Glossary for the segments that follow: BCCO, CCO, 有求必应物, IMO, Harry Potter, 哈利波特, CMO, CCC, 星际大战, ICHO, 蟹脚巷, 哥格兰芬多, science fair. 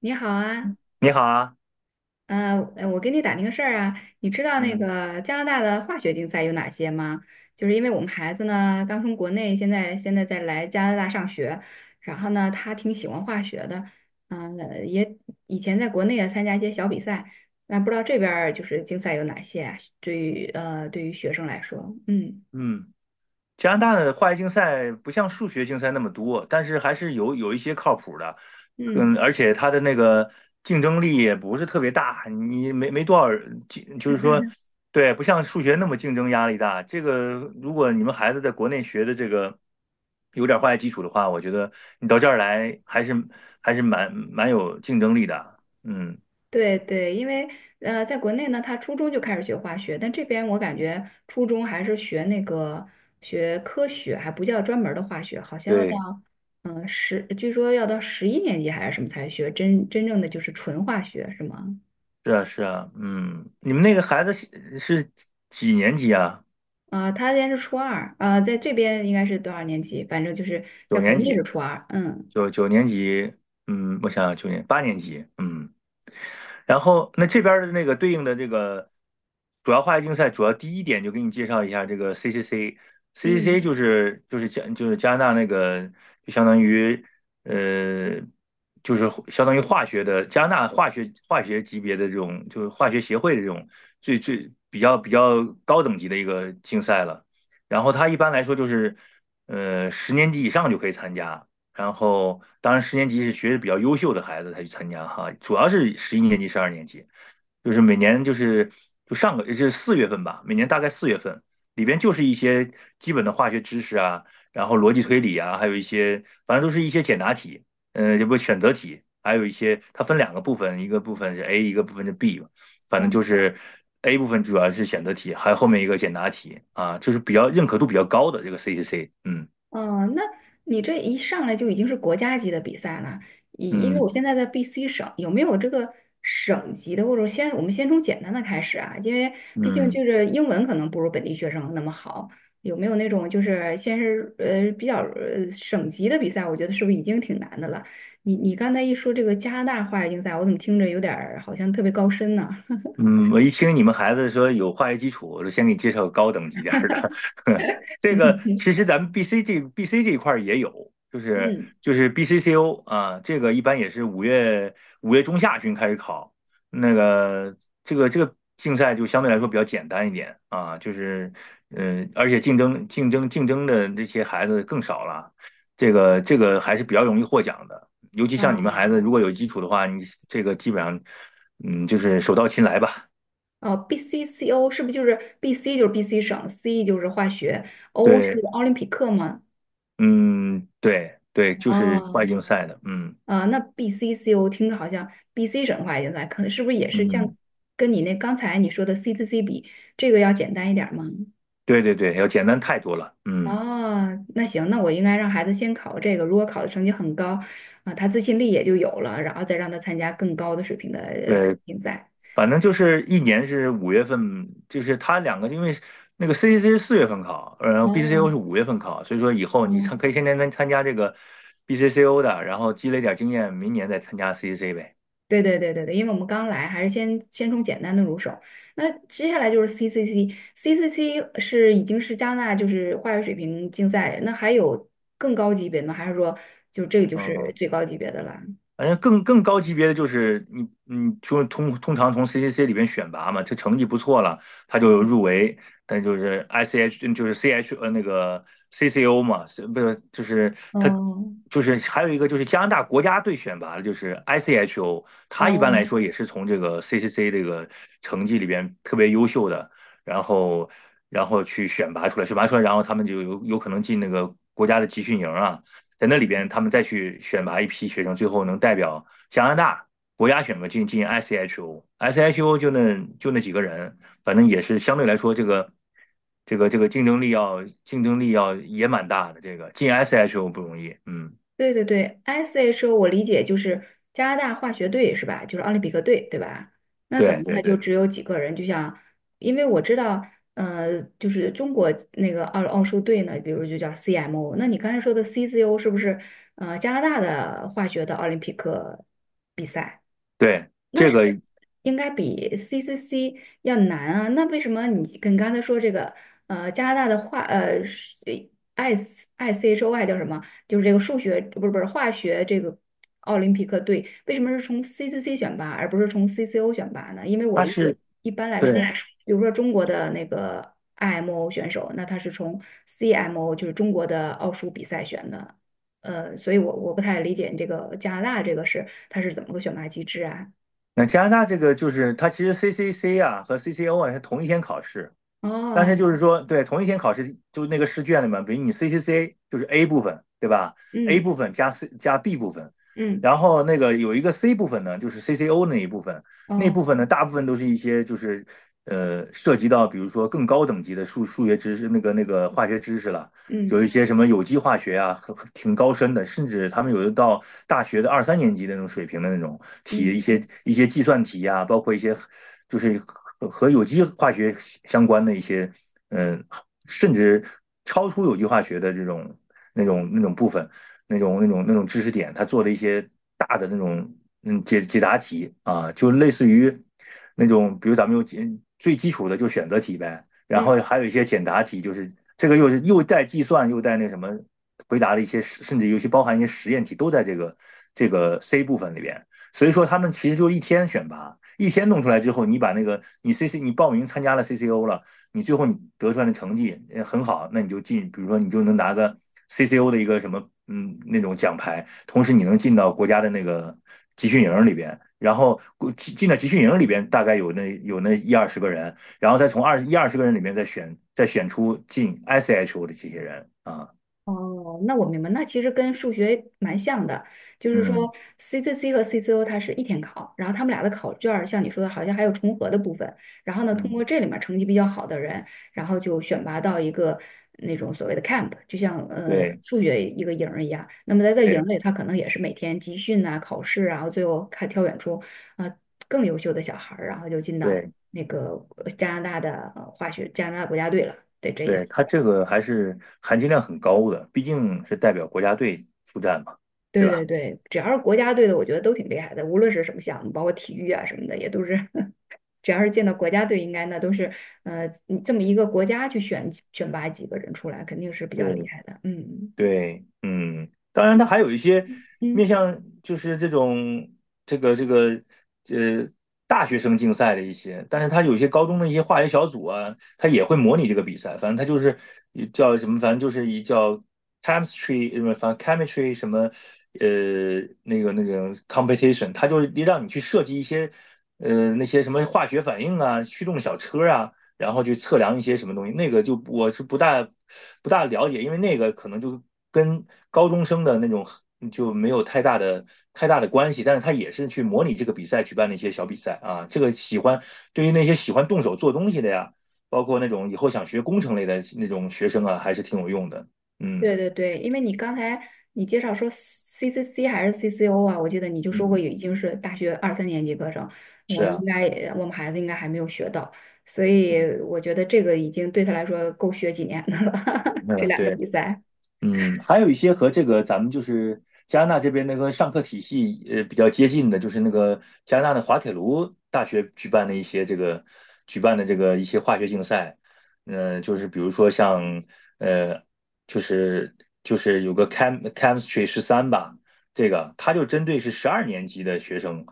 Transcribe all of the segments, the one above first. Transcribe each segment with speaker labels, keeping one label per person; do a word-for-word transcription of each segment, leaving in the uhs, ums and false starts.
Speaker 1: 你好啊，
Speaker 2: 你好啊，
Speaker 1: 呃，呃我给你打听个事儿啊，你知道那
Speaker 2: 嗯
Speaker 1: 个加拿大的化学竞赛有哪些吗？就是因为我们孩子呢刚从国内，现在现在在来加拿大上学，然后呢他挺喜欢化学的，嗯、呃也以前在国内也参加一些小比赛，那不知道这边儿就是竞赛有哪些啊对于呃对于学生来说，嗯
Speaker 2: 嗯，加拿大的化学竞赛不像数学竞赛那么多，但是还是有有一些靠谱的，嗯，
Speaker 1: 嗯。
Speaker 2: 而且它的那个竞争力也不是特别大，你没没多少人竞就是说，对，不像数学那么竞争压力大。这个如果你们孩子在国内学的这个有点化学基础的话，我觉得你到这儿来还是还是蛮蛮有竞争力的，嗯，
Speaker 1: 对对，因为呃，在国内呢，他初中就开始学化学，但这边我感觉初中还是学那个学科学，还不叫专门儿的化学，好像要到
Speaker 2: 对，
Speaker 1: 嗯十，据说要到十一年级还是什么才学真真正的就是纯化学，是吗？
Speaker 2: 是啊是啊，嗯，你们那个孩子是是几年级啊？
Speaker 1: 啊、他现在是初二，啊、在这边应该是多少年级？反正就是在
Speaker 2: 九
Speaker 1: 国
Speaker 2: 年
Speaker 1: 内
Speaker 2: 级，
Speaker 1: 是初二，嗯
Speaker 2: 九九年级，嗯，我想想，九年八年级，嗯，然后那这边的那个对应的这个主要化学竞赛，主要第一点就给你介绍一下这个 C C C，C C C
Speaker 1: 嗯，
Speaker 2: 就是就是加就是加拿大那个就相当于呃就是相当于化学的加拿大化学化学级别的这种就是化学协会的这种最最比较比较高等级的一个竞赛了，然后它一般来说就是呃十年级以上就可以参加。然后当然十年级是学的比较优秀的孩子才去参加哈，主要是十一年级、十二年级，就是每年就是就上个是四月份吧，每年大概四月份里边就是一些基本的化学知识啊，然后逻辑推理啊，还有一些反正都是一些简答题，嗯、也不选择题，还有一些它分两个部分，一个部分是 A，一个部分是 B，反正就
Speaker 1: 嗯。
Speaker 2: 是 A 部分主要是选择题，还有后面一个简答题啊，就是比较认可度比较高的这个 C C C，嗯
Speaker 1: 哦，那你这一上来就已经是国家级的比赛了，因因为
Speaker 2: 嗯
Speaker 1: 我现在在 B C 省，有没有这个省级的，或者先我们先从简单的开始啊？因为毕竟
Speaker 2: 嗯。
Speaker 1: 就是英文可能不如本地学生那么好，有没有那种就是先是呃比较呃省级的比赛？我觉得是不是已经挺难的了？你你刚才一说这个加拿大化学竞赛，我怎么听着有点儿好像特别高深呢？
Speaker 2: 嗯，我一听你们孩子说有化学基础，我就先给你介绍个高等级点儿的。这个其实咱们 B C 这 B C 这一块儿也有，就是
Speaker 1: 嗯，
Speaker 2: 就是 B C C O 啊，这个一般也是五月五月中下旬开始考。那个这个这个竞赛就相对来说比较简单一点啊，就是嗯，而且竞争竞争竞争的这些孩子更少了，这个这个还是比较容易获奖的。尤其像你们孩
Speaker 1: 哦，
Speaker 2: 子，如果有基础的话，你这个基本上，嗯，就是手到擒来吧。
Speaker 1: 哦 b c c o 是不是就是 B C 就是 B C 省，C 就是化学，O 是
Speaker 2: 对，
Speaker 1: 奥林匹克吗？
Speaker 2: 嗯，对对，就是外
Speaker 1: 哦，
Speaker 2: 竞赛的，嗯
Speaker 1: 啊、那 B C C O 听着好像 B C 省的话也在，可能是不是也是像
Speaker 2: 嗯，
Speaker 1: 跟你那刚才你说的 C C C 比，这个要简单一点儿吗？
Speaker 2: 对对对，要简单太多了，嗯，
Speaker 1: 哦，那行，那我应该让孩子先考这个，如果考的成绩很高，啊、他自信力也就有了，然后再让他参加更高的水平的呃
Speaker 2: 对，
Speaker 1: 竞赛。
Speaker 2: 反正就是一年是五月份，就是他两个，因为那个 C C C 是四月份考，然后 B C C O 是
Speaker 1: 哦，
Speaker 2: 五月份考，所以说以后你参可
Speaker 1: 哦，
Speaker 2: 以先参参参加这个 B C C O 的，然后积累点经验，明年再参加 C C C 呗。
Speaker 1: 对对对对对，因为我们刚来，还是先先从简单的入手。那接下来就是 C C C。C C C 是已经是加拿大就是化学水平竞赛，那还有更高级别的吗？还是说就这个就是
Speaker 2: 嗯。
Speaker 1: 最高级别的了？
Speaker 2: 反正更更高级别的就是你你就通通常从 C C C 里边选拔嘛，这成绩不错了，他就
Speaker 1: 嗯。
Speaker 2: 入围。但就是 ICH 就是 C H 呃那个 C C O 嘛，是不是就是他
Speaker 1: 哦
Speaker 2: 就是还有一个就是加拿大国家队选拔的，就是 I C H O，他一般来
Speaker 1: 哦，
Speaker 2: 说也是从这个 C C C 这个成绩里边特别优秀的，然后然后去选拔出来，选拔出来，然后他们就有有可能进那个国家的集训营啊。在那里边他们再去选拔一批学生，最后能代表加拿大国家选拔进进 S H O，S H O 就那就那几个人，反正也是相对来说这个这个这个竞争力要竞争力要也蛮大的，这个进 S H O 不容易，嗯，
Speaker 1: 对对对， s h o 我理解就是加拿大化学队是吧？就是奥林匹克队对吧？那可
Speaker 2: 对
Speaker 1: 能他
Speaker 2: 对
Speaker 1: 就
Speaker 2: 对
Speaker 1: 只有几个人，就像因为我知道，呃，就是中国那个奥奥数队呢，比如就叫 C M O，那你刚才说的 C C O 是不是呃加拿大的化学的奥林匹克，
Speaker 2: 对，
Speaker 1: 那
Speaker 2: 这
Speaker 1: 是
Speaker 2: 个
Speaker 1: 不是应该比 C C C 要难啊？那为什么你跟刚才说这个呃加拿大的化呃是 I ICHOI 叫什么？就是这个数学不是不是化学这个奥林匹克队，为什么是从 C C C 选拔而不是从 C C O 选拔呢？因为我
Speaker 2: 它
Speaker 1: 理解
Speaker 2: 是
Speaker 1: 一般来
Speaker 2: 对，
Speaker 1: 说，比如说中国的那个 I M O 选手，那他是从 C M O 就是中国的奥数比赛选的。呃，所以我我不太理解你这个加拿大这个是它是怎么个选拔机制啊？
Speaker 2: 那加拿大这个就是它其实 C C C 啊和 C C O 啊是同一天考试。但
Speaker 1: 哦，
Speaker 2: 是就是说，对，同一天考试，就那个试卷里面，比如你 C C C 就是 A 部分，对吧？A
Speaker 1: 嗯
Speaker 2: 部分加 C 加 B 部分，
Speaker 1: 嗯，
Speaker 2: 然后那个有一个 C 部分呢，就是 C C O 那一部分，那
Speaker 1: 哦，
Speaker 2: 部分呢，大部分都是一些就是呃涉及到比如说更高等级的数数学知识，那个那个化学知识了，有一
Speaker 1: 嗯
Speaker 2: 些什么有机化学啊，很挺高深的，甚至他们有的到大学的二三年级的那种水平的那种题，
Speaker 1: 嗯
Speaker 2: 一些
Speaker 1: 嗯
Speaker 2: 一些计算题啊，包括一些就是和有机化学相关的一些，嗯，甚至超出有机化学的这种那种那种部分，那种那种那种知识点，他做了一些大的那种嗯解解答题啊，就类似于那种，比如咱们有几最基础的就选择题呗。然后
Speaker 1: 嗯。
Speaker 2: 还有一些简答题，就是这个又是又带计算又带那什么回答的一些，甚至尤其包含一些实验题，都在这个这个 C 部分里边。所以说他们其实就一天选拔，一天弄出来之后，你把那个你 C C 你报名参加了 C C O 了，你最后你得出来的成绩呃很好，那你就进，比如说你就能拿个 C C O 的一个什么嗯那种奖牌，同时你能进到国家的那个集训营里边。然后进进到集训营里边，大概有那有那一二十个人，然后再从二一二十个人里面再选再选出进 I C H O 的这些人啊，
Speaker 1: 哦，那我明白，那其实跟数学蛮像的，就是
Speaker 2: 嗯
Speaker 1: 说 C C C 和 C C O 它是一天考，然后他们俩的考卷儿像你说的，好像还有重合的部分。然后呢，通过
Speaker 2: 嗯，
Speaker 1: 这里面儿成绩比较好的人，然后就选拔到一个那种所谓的 camp，就像呃
Speaker 2: 对
Speaker 1: 数学一个营儿一样。那么在这营儿
Speaker 2: 对
Speaker 1: 里，他可能也是每天集训啊、考试啊，然后最后看挑选出啊、呃更优秀的小孩儿，然后就进到
Speaker 2: 对
Speaker 1: 那个呃加拿大的呃化学加拿大国家队了，对，这意
Speaker 2: 对，
Speaker 1: 思。
Speaker 2: 他这个还是含金量很高的，毕竟是代表国家队出战嘛，对
Speaker 1: 对对
Speaker 2: 吧？
Speaker 1: 对，只要是国家队的，我觉得都挺厉害的，无论是什么项目，包括体育啊什么的，也都是，只要是见到国家队，应该那都是，呃，你这么一个国家去选几选拔几个人出来，肯定是比较厉
Speaker 2: 对
Speaker 1: 害的。嗯
Speaker 2: 对，嗯，当然，它还有一些面
Speaker 1: 嗯，
Speaker 2: 向，就是这种这个这个呃大学生竞赛的一些，但是它有一些高中的一些化学小组啊，它也会模拟这个比赛。反正它就是一叫什么，反正就是一叫 chemistry 什么，反正 chemistry 什么呃那个那个 competition，它就是让你去设计一些呃那些什么化学反应啊、驱动小车啊。然后去测量一些什么东西，那个就我是不大不大了解，因为那个可能就跟高中生的那种就没有太大的太大的关系，但是他也是去模拟这个比赛举办的一些小比赛啊。这个喜欢对于那些喜欢动手做东西的呀，包括那种以后想学工程类的那种学生啊，还是挺有用的。嗯，
Speaker 1: 对对对，因为你刚才你介绍说 C C C 还是 C C O 啊，我记得你就说过
Speaker 2: 嗯
Speaker 1: 已经是大学二三年级课程，我
Speaker 2: 是
Speaker 1: 们应
Speaker 2: 啊，
Speaker 1: 该也我们孩子应该还没有学到，所
Speaker 2: 嗯，
Speaker 1: 以我觉得这个已经对他来说够学几年的了，这
Speaker 2: 嗯，
Speaker 1: 两个
Speaker 2: 对。
Speaker 1: 比赛。
Speaker 2: 嗯，还有一些和这个咱们就是加拿大这边那个上课体系呃比较接近的，就是那个加拿大的滑铁卢大学举办的一些这个举办的这个一些化学竞赛，嗯、就是比如说像呃，就是就是有个 chem chemistry 十三吧，这个它就针对是十二年级的学生，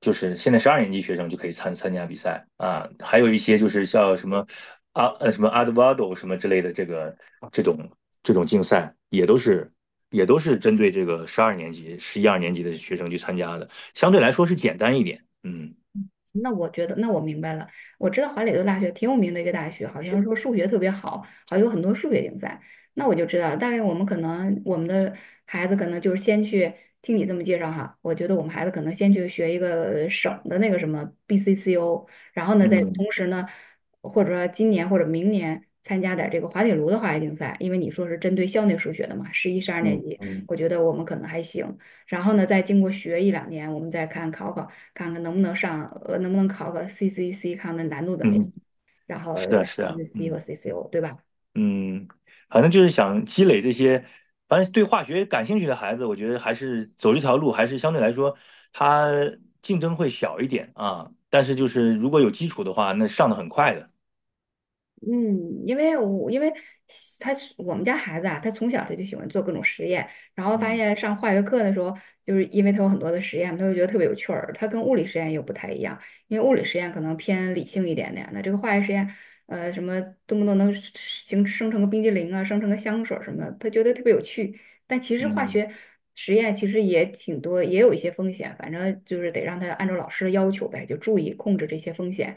Speaker 2: 就是现在十二年级学生就可以参参加比赛啊，还有一些就是像什么啊呃什么 a 德 v a 什么之类的这个这种这种竞赛也都是也都是针对这个十二年级、十一二年级的学生去参加的，相对来说是简单一点。嗯
Speaker 1: 那我觉得，那我明白了。我知道华磊顿大学挺有名的一个大学，好像是说数学特别好，好像有很多数学竞赛。那我就知道，大概我们可能我们的孩子可能就是先去听你这么介绍哈，我觉得我们孩子可能先去学一个省的那个什么 B C C O，然后呢，再
Speaker 2: 嗯
Speaker 1: 同时呢，或者说今年或者明年参加点儿这个滑铁卢的化学竞赛，因为你说是针对校内数学的嘛，十一、十二年
Speaker 2: 嗯
Speaker 1: 级，
Speaker 2: 嗯
Speaker 1: 我觉得我们可能还行。然后呢，再经过学一两年，我们再看考考。看看能不能上，呃，能不能考个 C C C，看看难度怎么样，
Speaker 2: 嗯，
Speaker 1: 然后
Speaker 2: 是啊是啊，
Speaker 1: C C C 和
Speaker 2: 嗯
Speaker 1: C C O，对吧？
Speaker 2: 嗯，反正就是想积累这些，反正对化学感兴趣的孩子，我觉得还是走这条路，还是相对来说他竞争会小一点啊。但是就是如果有基础的话，那上的很快的。
Speaker 1: 嗯，因为我因为他我们家孩子啊，他从小他就喜欢做各种实验，然后发
Speaker 2: 嗯
Speaker 1: 现上化学课的时候，就是因为他有很多的实验，他就觉得特别有趣儿。他跟物理实验又不太一样，因为物理实验可能偏理性一点点，那这个化学实验，呃，什么动不动能形生成个冰激凌啊，生成个香水儿什么的，他觉得特别有趣。但其实化
Speaker 2: 嗯。
Speaker 1: 学实验其实也挺多，也有一些风险，反正就是得让他按照老师的要求呗，就注意控制这些风险。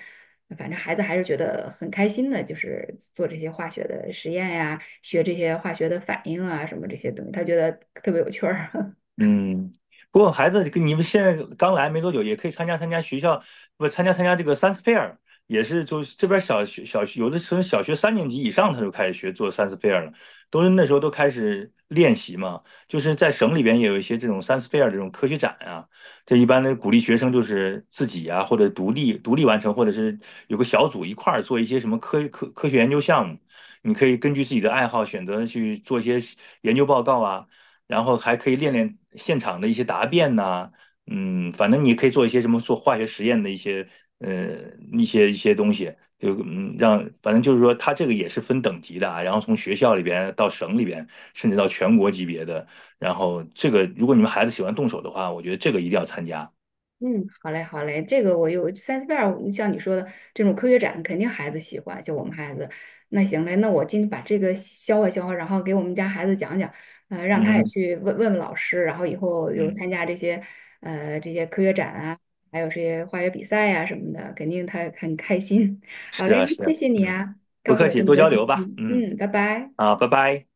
Speaker 1: 反正孩子还是觉得很开心的，就是做这些化学的实验呀，学这些化学的反应啊，什么这些东西，他觉得特别有趣儿。
Speaker 2: 嗯，不过孩子跟你们现在刚来没多久，也可以参加参加学校，不参加参加这个 science fair，也是就是这边小学小学有的时候小学三年级以上他就开始学做 science fair 了，都是那时候都开始练习嘛。就是在省里边也有一些这种 science fair 这种科学展啊，这一般的鼓励学生就是自己啊或者独立独立完成，或者是有个小组一块儿做一些什么科科科学研究项目，你可以根据自己的爱好选择去做一些研究报告啊。然后还可以练练现场的一些答辩呐、啊嗯，反正你可以做一些什么做化学实验的一些呃一些一些东西，就嗯让反正就是说它这个也是分等级的啊，然后从学校里边到省里边，甚至到全国级别的，然后这个如果你们孩子喜欢动手的话，我觉得这个一定要参加。
Speaker 1: 嗯，好嘞，好嘞，这个我有三 c i e 像你说的这种科学展，肯定孩子喜欢，就我们孩子。那行嘞，那我今天把这个消化消化，然后给我们家孩子讲讲，呃，让他也
Speaker 2: 嗯
Speaker 1: 去问问问老师，然后以后有
Speaker 2: 嗯，
Speaker 1: 参加这些呃这些科学展啊，还有这些化学比赛呀、什么的，肯定他很开心。好
Speaker 2: 是
Speaker 1: 嘞，
Speaker 2: 啊
Speaker 1: 那
Speaker 2: 是
Speaker 1: 谢
Speaker 2: 啊，
Speaker 1: 谢你
Speaker 2: 嗯，
Speaker 1: 啊，
Speaker 2: 不
Speaker 1: 告诉
Speaker 2: 客
Speaker 1: 我这
Speaker 2: 气，
Speaker 1: 么
Speaker 2: 多
Speaker 1: 多
Speaker 2: 交
Speaker 1: 信
Speaker 2: 流吧，
Speaker 1: 息。
Speaker 2: 嗯，
Speaker 1: 嗯，拜拜。
Speaker 2: 好，拜拜。